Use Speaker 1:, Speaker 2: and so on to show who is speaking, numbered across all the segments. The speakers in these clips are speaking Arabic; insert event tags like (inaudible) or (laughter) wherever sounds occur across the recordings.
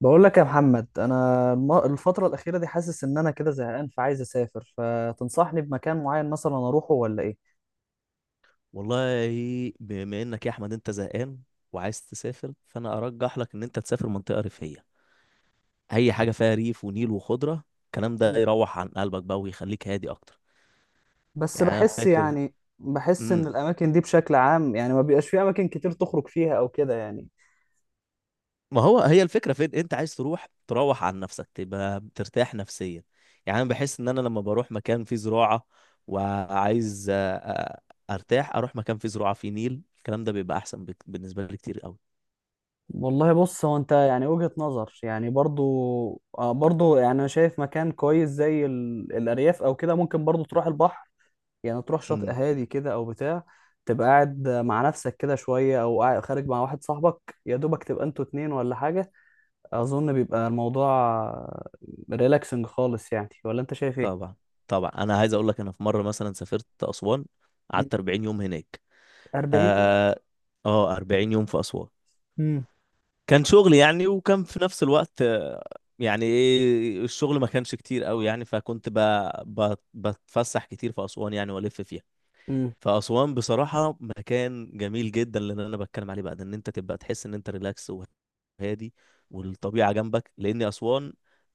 Speaker 1: بقول لك يا محمد، انا الفتره الاخيره دي حاسس ان انا كده زهقان فعايز اسافر، فتنصحني بمكان معين مثلا اروحه ولا ايه؟
Speaker 2: والله، بما انك يا احمد انت زهقان وعايز تسافر، فانا ارجح لك ان انت تسافر منطقه ريفيه، اي حاجه فيها ريف ونيل وخضره، الكلام ده
Speaker 1: مم.
Speaker 2: يروح عن قلبك بقى ويخليك هادي اكتر.
Speaker 1: بس
Speaker 2: يعني انا
Speaker 1: بحس
Speaker 2: فاكر،
Speaker 1: يعني بحس ان
Speaker 2: امم
Speaker 1: الاماكن دي بشكل عام يعني ما بيبقاش في اماكن كتير تخرج فيها او كده يعني.
Speaker 2: ما هو هي الفكره، فين انت عايز تروح؟ تروح عن نفسك تبقى ترتاح نفسيا. يعني انا بحس ان انا لما بروح مكان فيه زراعه وعايز ارتاح، اروح مكان فيه زراعه فيه نيل، الكلام ده بيبقى احسن بالنسبه لي كتير قوي.
Speaker 1: والله بص، هو انت يعني وجهة نظر يعني برضو. برضو يعني انا شايف مكان كويس زي الارياف او كده. ممكن برضو تروح البحر، يعني تروح شاطئ هادي كده او بتاع، تبقى قاعد مع نفسك كده شوية او خارج مع واحد صاحبك يا دوبك تبقى انتوا اتنين ولا حاجة. اظن بيبقى الموضوع ريلاكسنج خالص يعني، ولا انت شايف ايه؟
Speaker 2: طبعا، طبعا، انا عايز اقول لك، انا في مره مثلا سافرت اسوان،
Speaker 1: مم.
Speaker 2: قعدت 40 يوم هناك.
Speaker 1: 40 يوم.
Speaker 2: اه. 40 يوم في اسوان،
Speaker 1: مم.
Speaker 2: كان شغل يعني، وكان في نفس الوقت يعني ايه، الشغل ما كانش كتير قوي يعني، فكنت بتفسح كتير في اسوان يعني والف فيها.
Speaker 1: امم
Speaker 2: فاسوان بصراحه مكان جميل جدا، اللي انا بتكلم عليه بقى ده ان انت تبقى تحس ان انت ريلاكس وهادي، والطبيعه جنبك، لان اسوان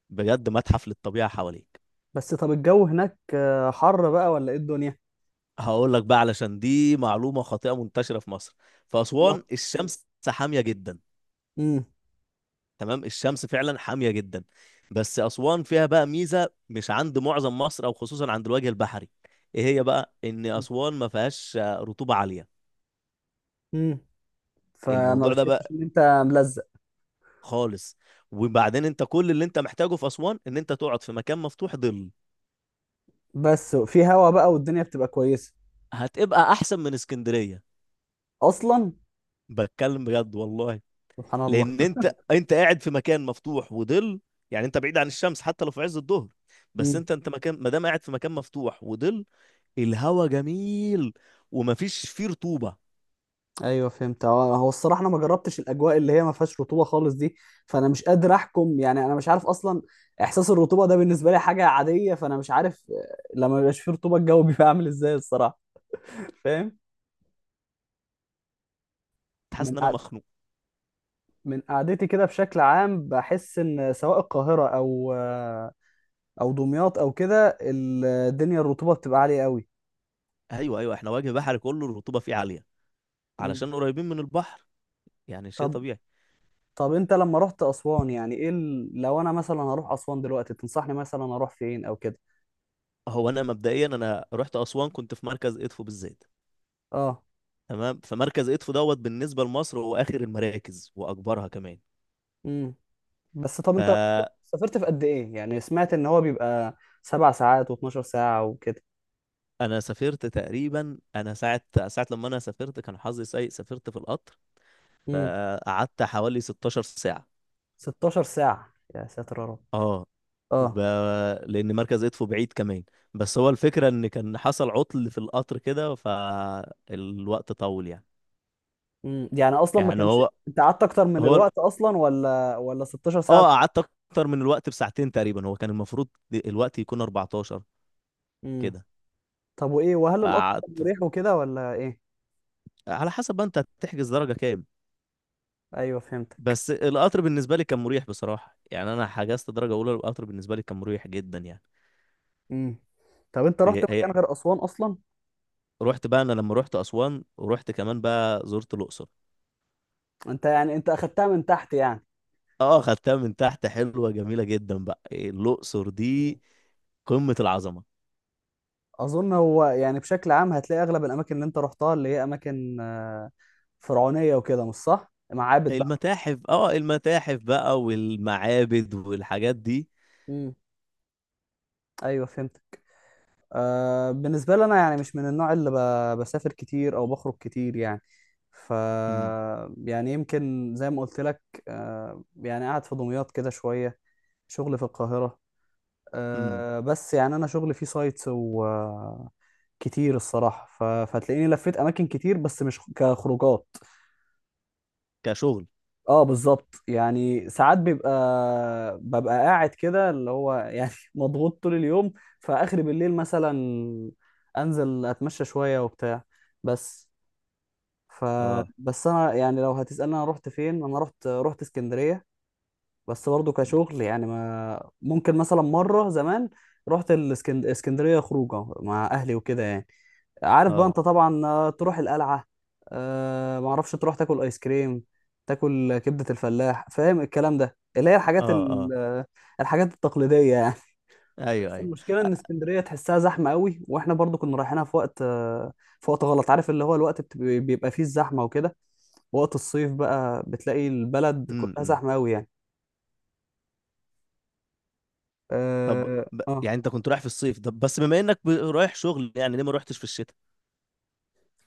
Speaker 2: بجد متحف للطبيعه حواليك.
Speaker 1: بس طب الجو هناك حر بقى ولا ايه الدنيا؟
Speaker 2: هقول لك بقى، علشان دي معلومة خاطئة منتشرة في مصر، في
Speaker 1: الله.
Speaker 2: أسوان الشمس حامية جدا.
Speaker 1: امم
Speaker 2: تمام، الشمس فعلا حامية جدا، بس أسوان فيها بقى ميزة مش عند معظم مصر أو خصوصا عند الوجه البحري. إيه هي بقى؟ إن
Speaker 1: مم.
Speaker 2: أسوان ما فيهاش رطوبة عالية.
Speaker 1: امم فما
Speaker 2: الموضوع ده
Speaker 1: بتحسش
Speaker 2: بقى
Speaker 1: ان انت ملزق.
Speaker 2: خالص. وبعدين أنت كل اللي أنت محتاجه في أسوان إن أنت تقعد في مكان مفتوح ظل.
Speaker 1: بس في هوا بقى والدنيا بتبقى كويسة
Speaker 2: هتبقى أحسن من اسكندرية،
Speaker 1: اصلا.
Speaker 2: بتكلم بجد والله.
Speaker 1: سبحان الله.
Speaker 2: لان انت قاعد في مكان مفتوح وظل، يعني انت بعيد عن الشمس حتى لو في عز الظهر، بس انت
Speaker 1: (laughs)
Speaker 2: انت مكان، ما دام قاعد في مكان مفتوح وظل. الهوا جميل، ومفيش فيه رطوبه،
Speaker 1: ايوه فهمت. هو الصراحه انا ما جربتش الاجواء اللي هي ما فيهاش رطوبه خالص دي، فانا مش قادر احكم يعني. انا مش عارف اصلا احساس الرطوبه ده، بالنسبه لي حاجه عاديه، فانا مش عارف لما بيبقاش فيه رطوبه الجو (laughs) بيبقى عامل ازاي الصراحه. فاهم؟ من
Speaker 2: حاسس ان
Speaker 1: قع-
Speaker 2: انا مخنوق.
Speaker 1: من قعدتي كده بشكل عام بحس ان سواء القاهره او دمياط او كده، الدنيا الرطوبه بتبقى عاليه قوي.
Speaker 2: ايوه، ايوه، احنا وجه بحري كله الرطوبه فيه عاليه
Speaker 1: مم.
Speaker 2: علشان قريبين من البحر، يعني شيء
Speaker 1: طب
Speaker 2: طبيعي.
Speaker 1: طب انت لما رحت اسوان يعني ايه لو انا مثلا هروح اسوان دلوقتي تنصحني مثلا اروح فين او كده؟
Speaker 2: هو انا مبدئيا انا رحت اسوان، كنت في مركز ادفو بالذات.
Speaker 1: اه.
Speaker 2: تمام، فمركز ادفو دوت بالنسبه لمصر هو اخر المراكز واكبرها كمان.
Speaker 1: امم بس طب
Speaker 2: ف
Speaker 1: انت اصلا سافرت في قد ايه؟ يعني سمعت ان هو بيبقى 7 ساعات و12 ساعة وكده.
Speaker 2: انا سافرت تقريبا، انا ساعه، لما انا سافرت كان حظي سيء، سافرت في القطر،
Speaker 1: امم
Speaker 2: فقعدت حوالي 16 ساعه.
Speaker 1: 16 ساعة؟ يا ساتر يا رب.
Speaker 2: اه. وب...
Speaker 1: اه.
Speaker 2: لان مركز ادفو بعيد كمان، بس هو الفكره ان كان حصل عطل في القطر كده، فالوقت طول يعني.
Speaker 1: يعني اصلا ما
Speaker 2: يعني،
Speaker 1: كانش
Speaker 2: هو
Speaker 1: انت قعدت اكتر من
Speaker 2: هو
Speaker 1: الوقت اصلا ولا 16 ساعة؟
Speaker 2: اه، قعدت اكتر من الوقت بساعتين تقريبا، هو كان المفروض الوقت يكون 14
Speaker 1: امم
Speaker 2: كده.
Speaker 1: طب وايه، وهل القطر كان
Speaker 2: فقعدت،
Speaker 1: مريح وكده ولا ايه؟
Speaker 2: على حسب بقى انت هتحجز درجه كام.
Speaker 1: ايوه فهمتك.
Speaker 2: بس القطر بالنسبه لي كان مريح بصراحه يعني، انا حجزت درجه اولى، القطر بالنسبه لي كان مريح جدا يعني.
Speaker 1: امم طب انت رحت
Speaker 2: هي
Speaker 1: مكان غير اسوان اصلا؟
Speaker 2: رحت بقى، انا لما رحت اسوان ورحت كمان بقى زرت الاقصر.
Speaker 1: انت اخدتها من تحت يعني.
Speaker 2: اه، خدتها من تحت، حلوه جميله جدا بقى الاقصر
Speaker 1: مم.
Speaker 2: دي، قمه العظمه.
Speaker 1: اظن هو يعني بشكل عام هتلاقي اغلب الاماكن اللي انت رحتها اللي هي اماكن فرعونية وكده، مش صح؟ معابد.
Speaker 2: المتاحف بقى والمعابد والحاجات دي.
Speaker 1: امم ايوه فهمتك. بالنسبه لي انا يعني مش من النوع اللي بسافر كتير او بخرج كتير يعني. ف
Speaker 2: امم،
Speaker 1: يعني يمكن زي ما قلت لك، يعني قاعد في دمياط كده شويه، شغلي في القاهره.
Speaker 2: امم،
Speaker 1: بس يعني انا شغلي فيه سايتس كتير الصراحه فتلاقيني لفيت اماكن كتير بس مش كخروجات.
Speaker 2: كشغل،
Speaker 1: اه بالظبط، يعني ساعات ببقى قاعد كده اللي هو يعني (laughs) مضغوط طول اليوم، فاخر بالليل مثلا انزل اتمشى شويه وبتاع. بس ف
Speaker 2: اه،
Speaker 1: بس انا يعني لو هتسالني انا رحت فين، انا رحت اسكندريه، بس برضه كشغل يعني. ما ممكن مثلا مرة زمان رحت الاسكندرية خروجة مع أهلي وكده يعني. عارف بقى
Speaker 2: اه،
Speaker 1: أنت طبعا، تروح القلعة، ما اعرفش، تروح تاكل آيس كريم، تاكل كبدة الفلاح، فاهم الكلام ده اللي هي الحاجات
Speaker 2: اه، اه،
Speaker 1: الحاجات التقليدية يعني. (laughs)
Speaker 2: ايوه،
Speaker 1: بس
Speaker 2: ايوه،
Speaker 1: المشكلة إن اسكندرية تحسها زحمة قوي، وإحنا برضو كنا رايحينها في وقت غلط. عارف اللي هو الوقت بيبقى فيه الزحمة وكده، وقت الصيف بقى بتلاقي البلد كلها
Speaker 2: امم.
Speaker 1: زحمة قوي يعني.
Speaker 2: طب،
Speaker 1: اه آه.
Speaker 2: يعني انت كنت رايح في الصيف، طب بس بما انك رايح شغل يعني، ليه ما روحتش في الشتاء؟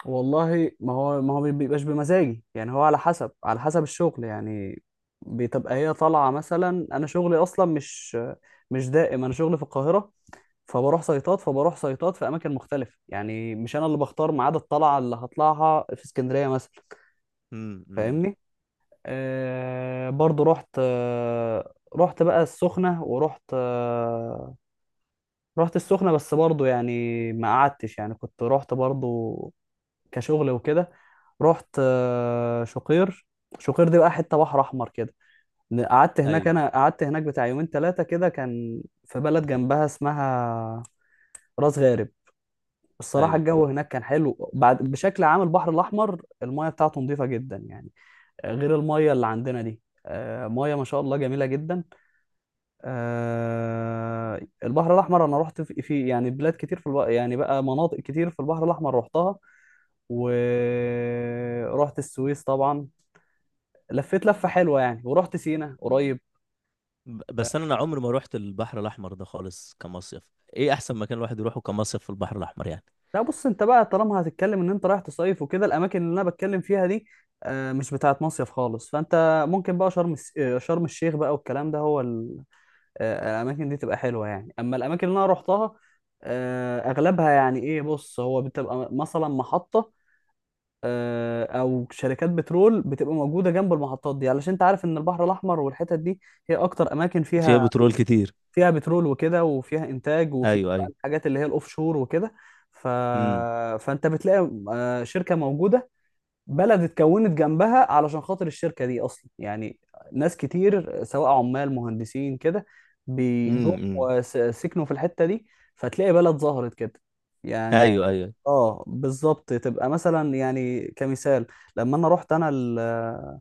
Speaker 1: والله ما هو ما بيبقاش بمزاجي يعني. هو على حسب الشغل يعني، بتبقى هي طالعه. مثلا انا شغلي اصلا مش دائم، انا شغلي في القاهره، فبروح سيطات في اماكن مختلفه يعني. مش انا اللي بختار ميعاد الطلعه اللي هطلعها في اسكندريه مثلا،
Speaker 2: امم، امم،
Speaker 1: فاهمني؟ برضو رحت بقى السخنه، ورحت آه رحت السخنه، بس برضو يعني ما قعدتش يعني، كنت رحت برضو كشغل وكده. رحت شقير، شقير دي بقى حته بحر احمر كده. قعدت هناك
Speaker 2: ايوه،
Speaker 1: انا قعدت هناك بتاع يومين ثلاثه كده. كان في بلد جنبها اسمها راس غارب. الصراحه
Speaker 2: ايوه،
Speaker 1: الجو هناك كان حلو. بعد بشكل عام البحر الاحمر المايه بتاعته نظيفه جدا يعني، غير المايه اللي عندنا دي. مايه ما شاء الله جميله جدا. البحر الأحمر أنا رحت يعني بلاد كتير في البحر، يعني بقى مناطق كتير في البحر الأحمر رحتها، ورحت السويس طبعا، لفيت لفة حلوة يعني، ورحت سينا قريب.
Speaker 2: بس انا عمري ما روحت البحر الاحمر ده خالص كمصيف. ايه احسن مكان الواحد يروحه كمصيف في البحر الاحمر يعني؟
Speaker 1: لا بص، انت بقى طالما هتتكلم ان انت رايح تصيف وكده، الاماكن اللي انا بتكلم فيها دي مش بتاعت مصيف خالص. فانت ممكن بقى شرم الس- آه، شرم الشيخ بقى والكلام ده، هو ال- آه، الاماكن دي تبقى حلوه يعني. اما الاماكن اللي انا روحتها اغلبها يعني ايه، بص هو بتبقى مثلا محطه او شركات بترول، بتبقى موجوده جنب المحطات دي. علشان انت عارف ان البحر الاحمر والحتت دي هي اكتر اماكن
Speaker 2: فيها
Speaker 1: فيها
Speaker 2: بترول كتير.
Speaker 1: فيها بترول وكده، وفيها انتاج، وفيها
Speaker 2: ايوه،
Speaker 1: بقى
Speaker 2: ايوه،
Speaker 1: الحاجات اللي هي الاوف شور وكده. ف...
Speaker 2: امم،
Speaker 1: فانت بتلاقي شركه موجوده، بلد اتكونت جنبها علشان خاطر الشركه دي اصلا يعني. ناس كتير سواء عمال، مهندسين كده، بيجوا
Speaker 2: امم، أمم.
Speaker 1: سكنوا في الحته دي، فتلاقي بلد ظهرت كده يعني.
Speaker 2: ايوه، ايوه،
Speaker 1: اه بالظبط، تبقى مثلا يعني كمثال لما انا رحت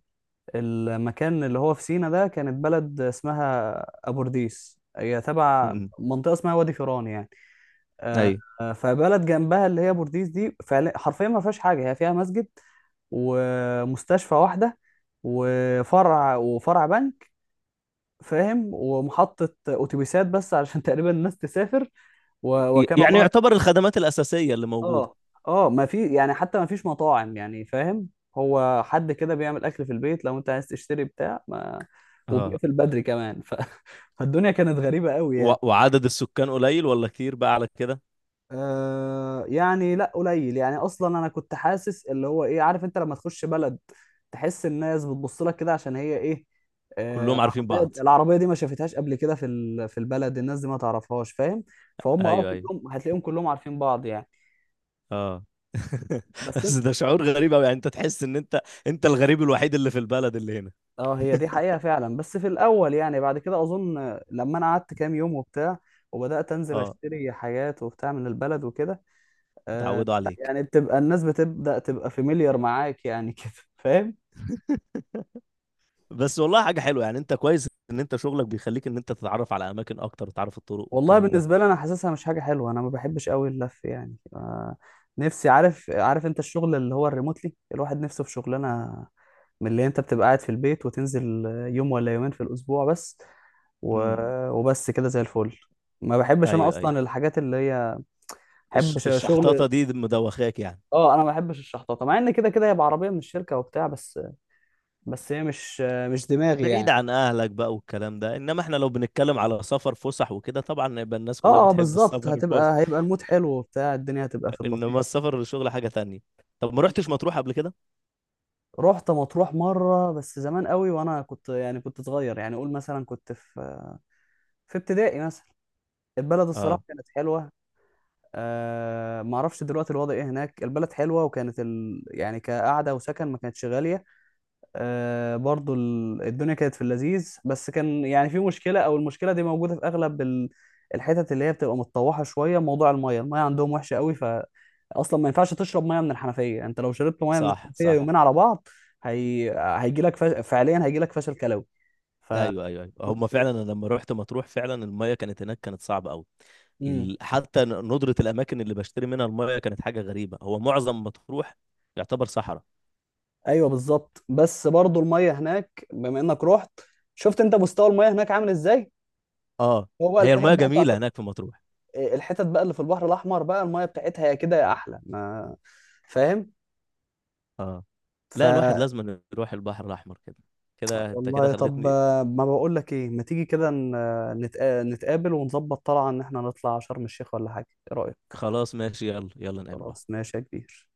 Speaker 1: المكان اللي هو في سينا ده كانت بلد اسمها ابورديس، هي تبع
Speaker 2: امم،
Speaker 1: منطقه اسمها وادي فيران يعني. آه،
Speaker 2: ايوه.
Speaker 1: فبلد جنبها اللي هي بورديس دي، فعلا حرفيا ما فيهاش حاجه، هي فيها مسجد ومستشفى واحده، وفرع بنك، فاهم، ومحطه اتوبيسات بس عشان (laughs) تقريبا الناس تسافر، وكان
Speaker 2: يعني
Speaker 1: الله.
Speaker 2: يعتبر الخدمات الاساسيه اللي موجوده،
Speaker 1: اه اه، ما في يعني، حتى ما فيش مطاعم يعني، فاهم؟ هو حد كده بيعمل اكل في البيت. لو انت عايز تشتري بتاع ما،
Speaker 2: اه،
Speaker 1: وبيقفل بدري كمان. (laughs) فالدنيا كانت غريبة قوي يعني.
Speaker 2: وعدد السكان قليل ولا كتير بقى على كده؟
Speaker 1: يعني لا قليل يعني. اصلا انا كنت حاسس اللي هو ايه، عارف انت لما تخش بلد تحس الناس بتبص لك كده عشان هي ايه؟ آه
Speaker 2: كلهم عارفين بعض.
Speaker 1: العربية دي ما شافتهاش قبل كده في في البلد، الناس دي ما تعرفهاش فاهم، فهم. اه
Speaker 2: ايوه، ايوه،
Speaker 1: كلهم هتلاقيهم كلهم عارفين بعض يعني.
Speaker 2: اه. (laughs)
Speaker 1: بس
Speaker 2: بس ده شعور غريب قوي يعني، انت تحس ان انت الغريب الوحيد اللي في البلد اللي هنا.
Speaker 1: اه، هي دي حقيقة فعلا، بس في الأول يعني. بعد كده أظن لما أنا قعدت كام يوم وبتاع، وبدأت أنزل
Speaker 2: اه،
Speaker 1: أشتري حاجات وبتاع من البلد وكده،
Speaker 2: اتعودوا
Speaker 1: لا،
Speaker 2: عليك.
Speaker 1: يعني بتبقى الناس بتبدأ تبقى فاميليار معاك يعني، (laughs) كده فاهم.
Speaker 2: (laughs) بس والله حاجة حلوة يعني، انت كويس ان انت شغلك بيخليك ان انت تتعرف على اماكن اكتر، وتعرف الطرق
Speaker 1: والله
Speaker 2: والكلام ده.
Speaker 1: بالنسبه لي انا حاسسها مش حاجه حلوه، انا ما بحبش قوي اللف يعني. نفسي، عارف انت الشغل اللي هو الريموتلي، الواحد نفسه في شغلانه من اللي انت بتبقى قاعد في البيت وتنزل يوم ولا يومين في الاسبوع بس، و...
Speaker 2: امم،
Speaker 1: وبس كده زي الفل. ما بحبش انا
Speaker 2: ايوه، ايوه،
Speaker 1: اصلا الحاجات اللي هي، بحب شغل.
Speaker 2: الشحطاطة دي مدوخاك يعني؟
Speaker 1: اه انا ما بحبش الشحطاطه، مع ان كده كده هي بعربيه من الشركه وبتاع، بس هي مش دماغي
Speaker 2: بعيد
Speaker 1: يعني.
Speaker 2: عن اهلك بقى والكلام ده. انما احنا لو بنتكلم على سفر فسح وكده، طبعا يبقى الناس كلها
Speaker 1: اه اه
Speaker 2: بتحب
Speaker 1: بالظبط،
Speaker 2: السفر (laughs) الفسح،
Speaker 1: هيبقى المود حلو وبتاع، الدنيا هتبقى في
Speaker 2: انما
Speaker 1: اللطيف.
Speaker 2: السفر للشغل حاجة تانية. طب، ما رحتش مطروح قبل كده؟
Speaker 1: رحت مطروح مرة بس زمان قوي، وانا كنت صغير يعني، اقول مثلا كنت في ابتدائي مثلا. البلد الصراحة
Speaker 2: اه.
Speaker 1: كانت حلوة. أه ما اعرفش دلوقتي الوضع ايه هناك، البلد حلوة وكانت يعني كقعدة وسكن ما كانتش غالية. برضو الدنيا كانت في اللذيذ، بس كان يعني في مشكلة، او المشكلة دي موجودة في اغلب الحتت اللي هي بتبقى متطوحة شوية، موضوع المية عندهم وحشة قوي، اصلا ما ينفعش تشرب مية من الحنفية. انت لو شربت مية من
Speaker 2: صح،
Speaker 1: الحنفية
Speaker 2: صح،
Speaker 1: يومين على بعض، هي... هيجي لك فشل كلوي. ف (laughs)
Speaker 2: ايوه، ايوه، ايوه، هم فعلا، انا لما رحت مطروح فعلا المايه كانت هناك كانت صعبه قوي.
Speaker 1: امم.
Speaker 2: حتى ندره الاماكن اللي بشتري منها المايه كانت حاجه غريبه، هو معظم مطروح يعتبر صحراء.
Speaker 1: ايوه بالظبط. بس برضو المية هناك بما انك رحت، شفت انت مستوى المية هناك عامل ازاي،
Speaker 2: اه،
Speaker 1: هو بقى
Speaker 2: هي
Speaker 1: الحتت
Speaker 2: المايه
Speaker 1: بقى بتاعت،
Speaker 2: جميله هناك في مطروح.
Speaker 1: إيه، الحتت بقى اللي في البحر الاحمر بقى المايه بتاعتها يا كده يا احلى ما، فاهم.
Speaker 2: اه
Speaker 1: ف
Speaker 2: لا، الواحد لازم أن يروح البحر الاحمر كده، كده انت كده
Speaker 1: والله طب،
Speaker 2: خلتني.
Speaker 1: ما بقول لك ايه، ما تيجي كده نتقابل ونظبط طلعه ان احنا نطلع شرم الشيخ ولا حاجه؟ ايه رايك؟
Speaker 2: خلاص ماشي، يلا يلا نقابل بعض.
Speaker 1: خلاص ماشي يا كبير.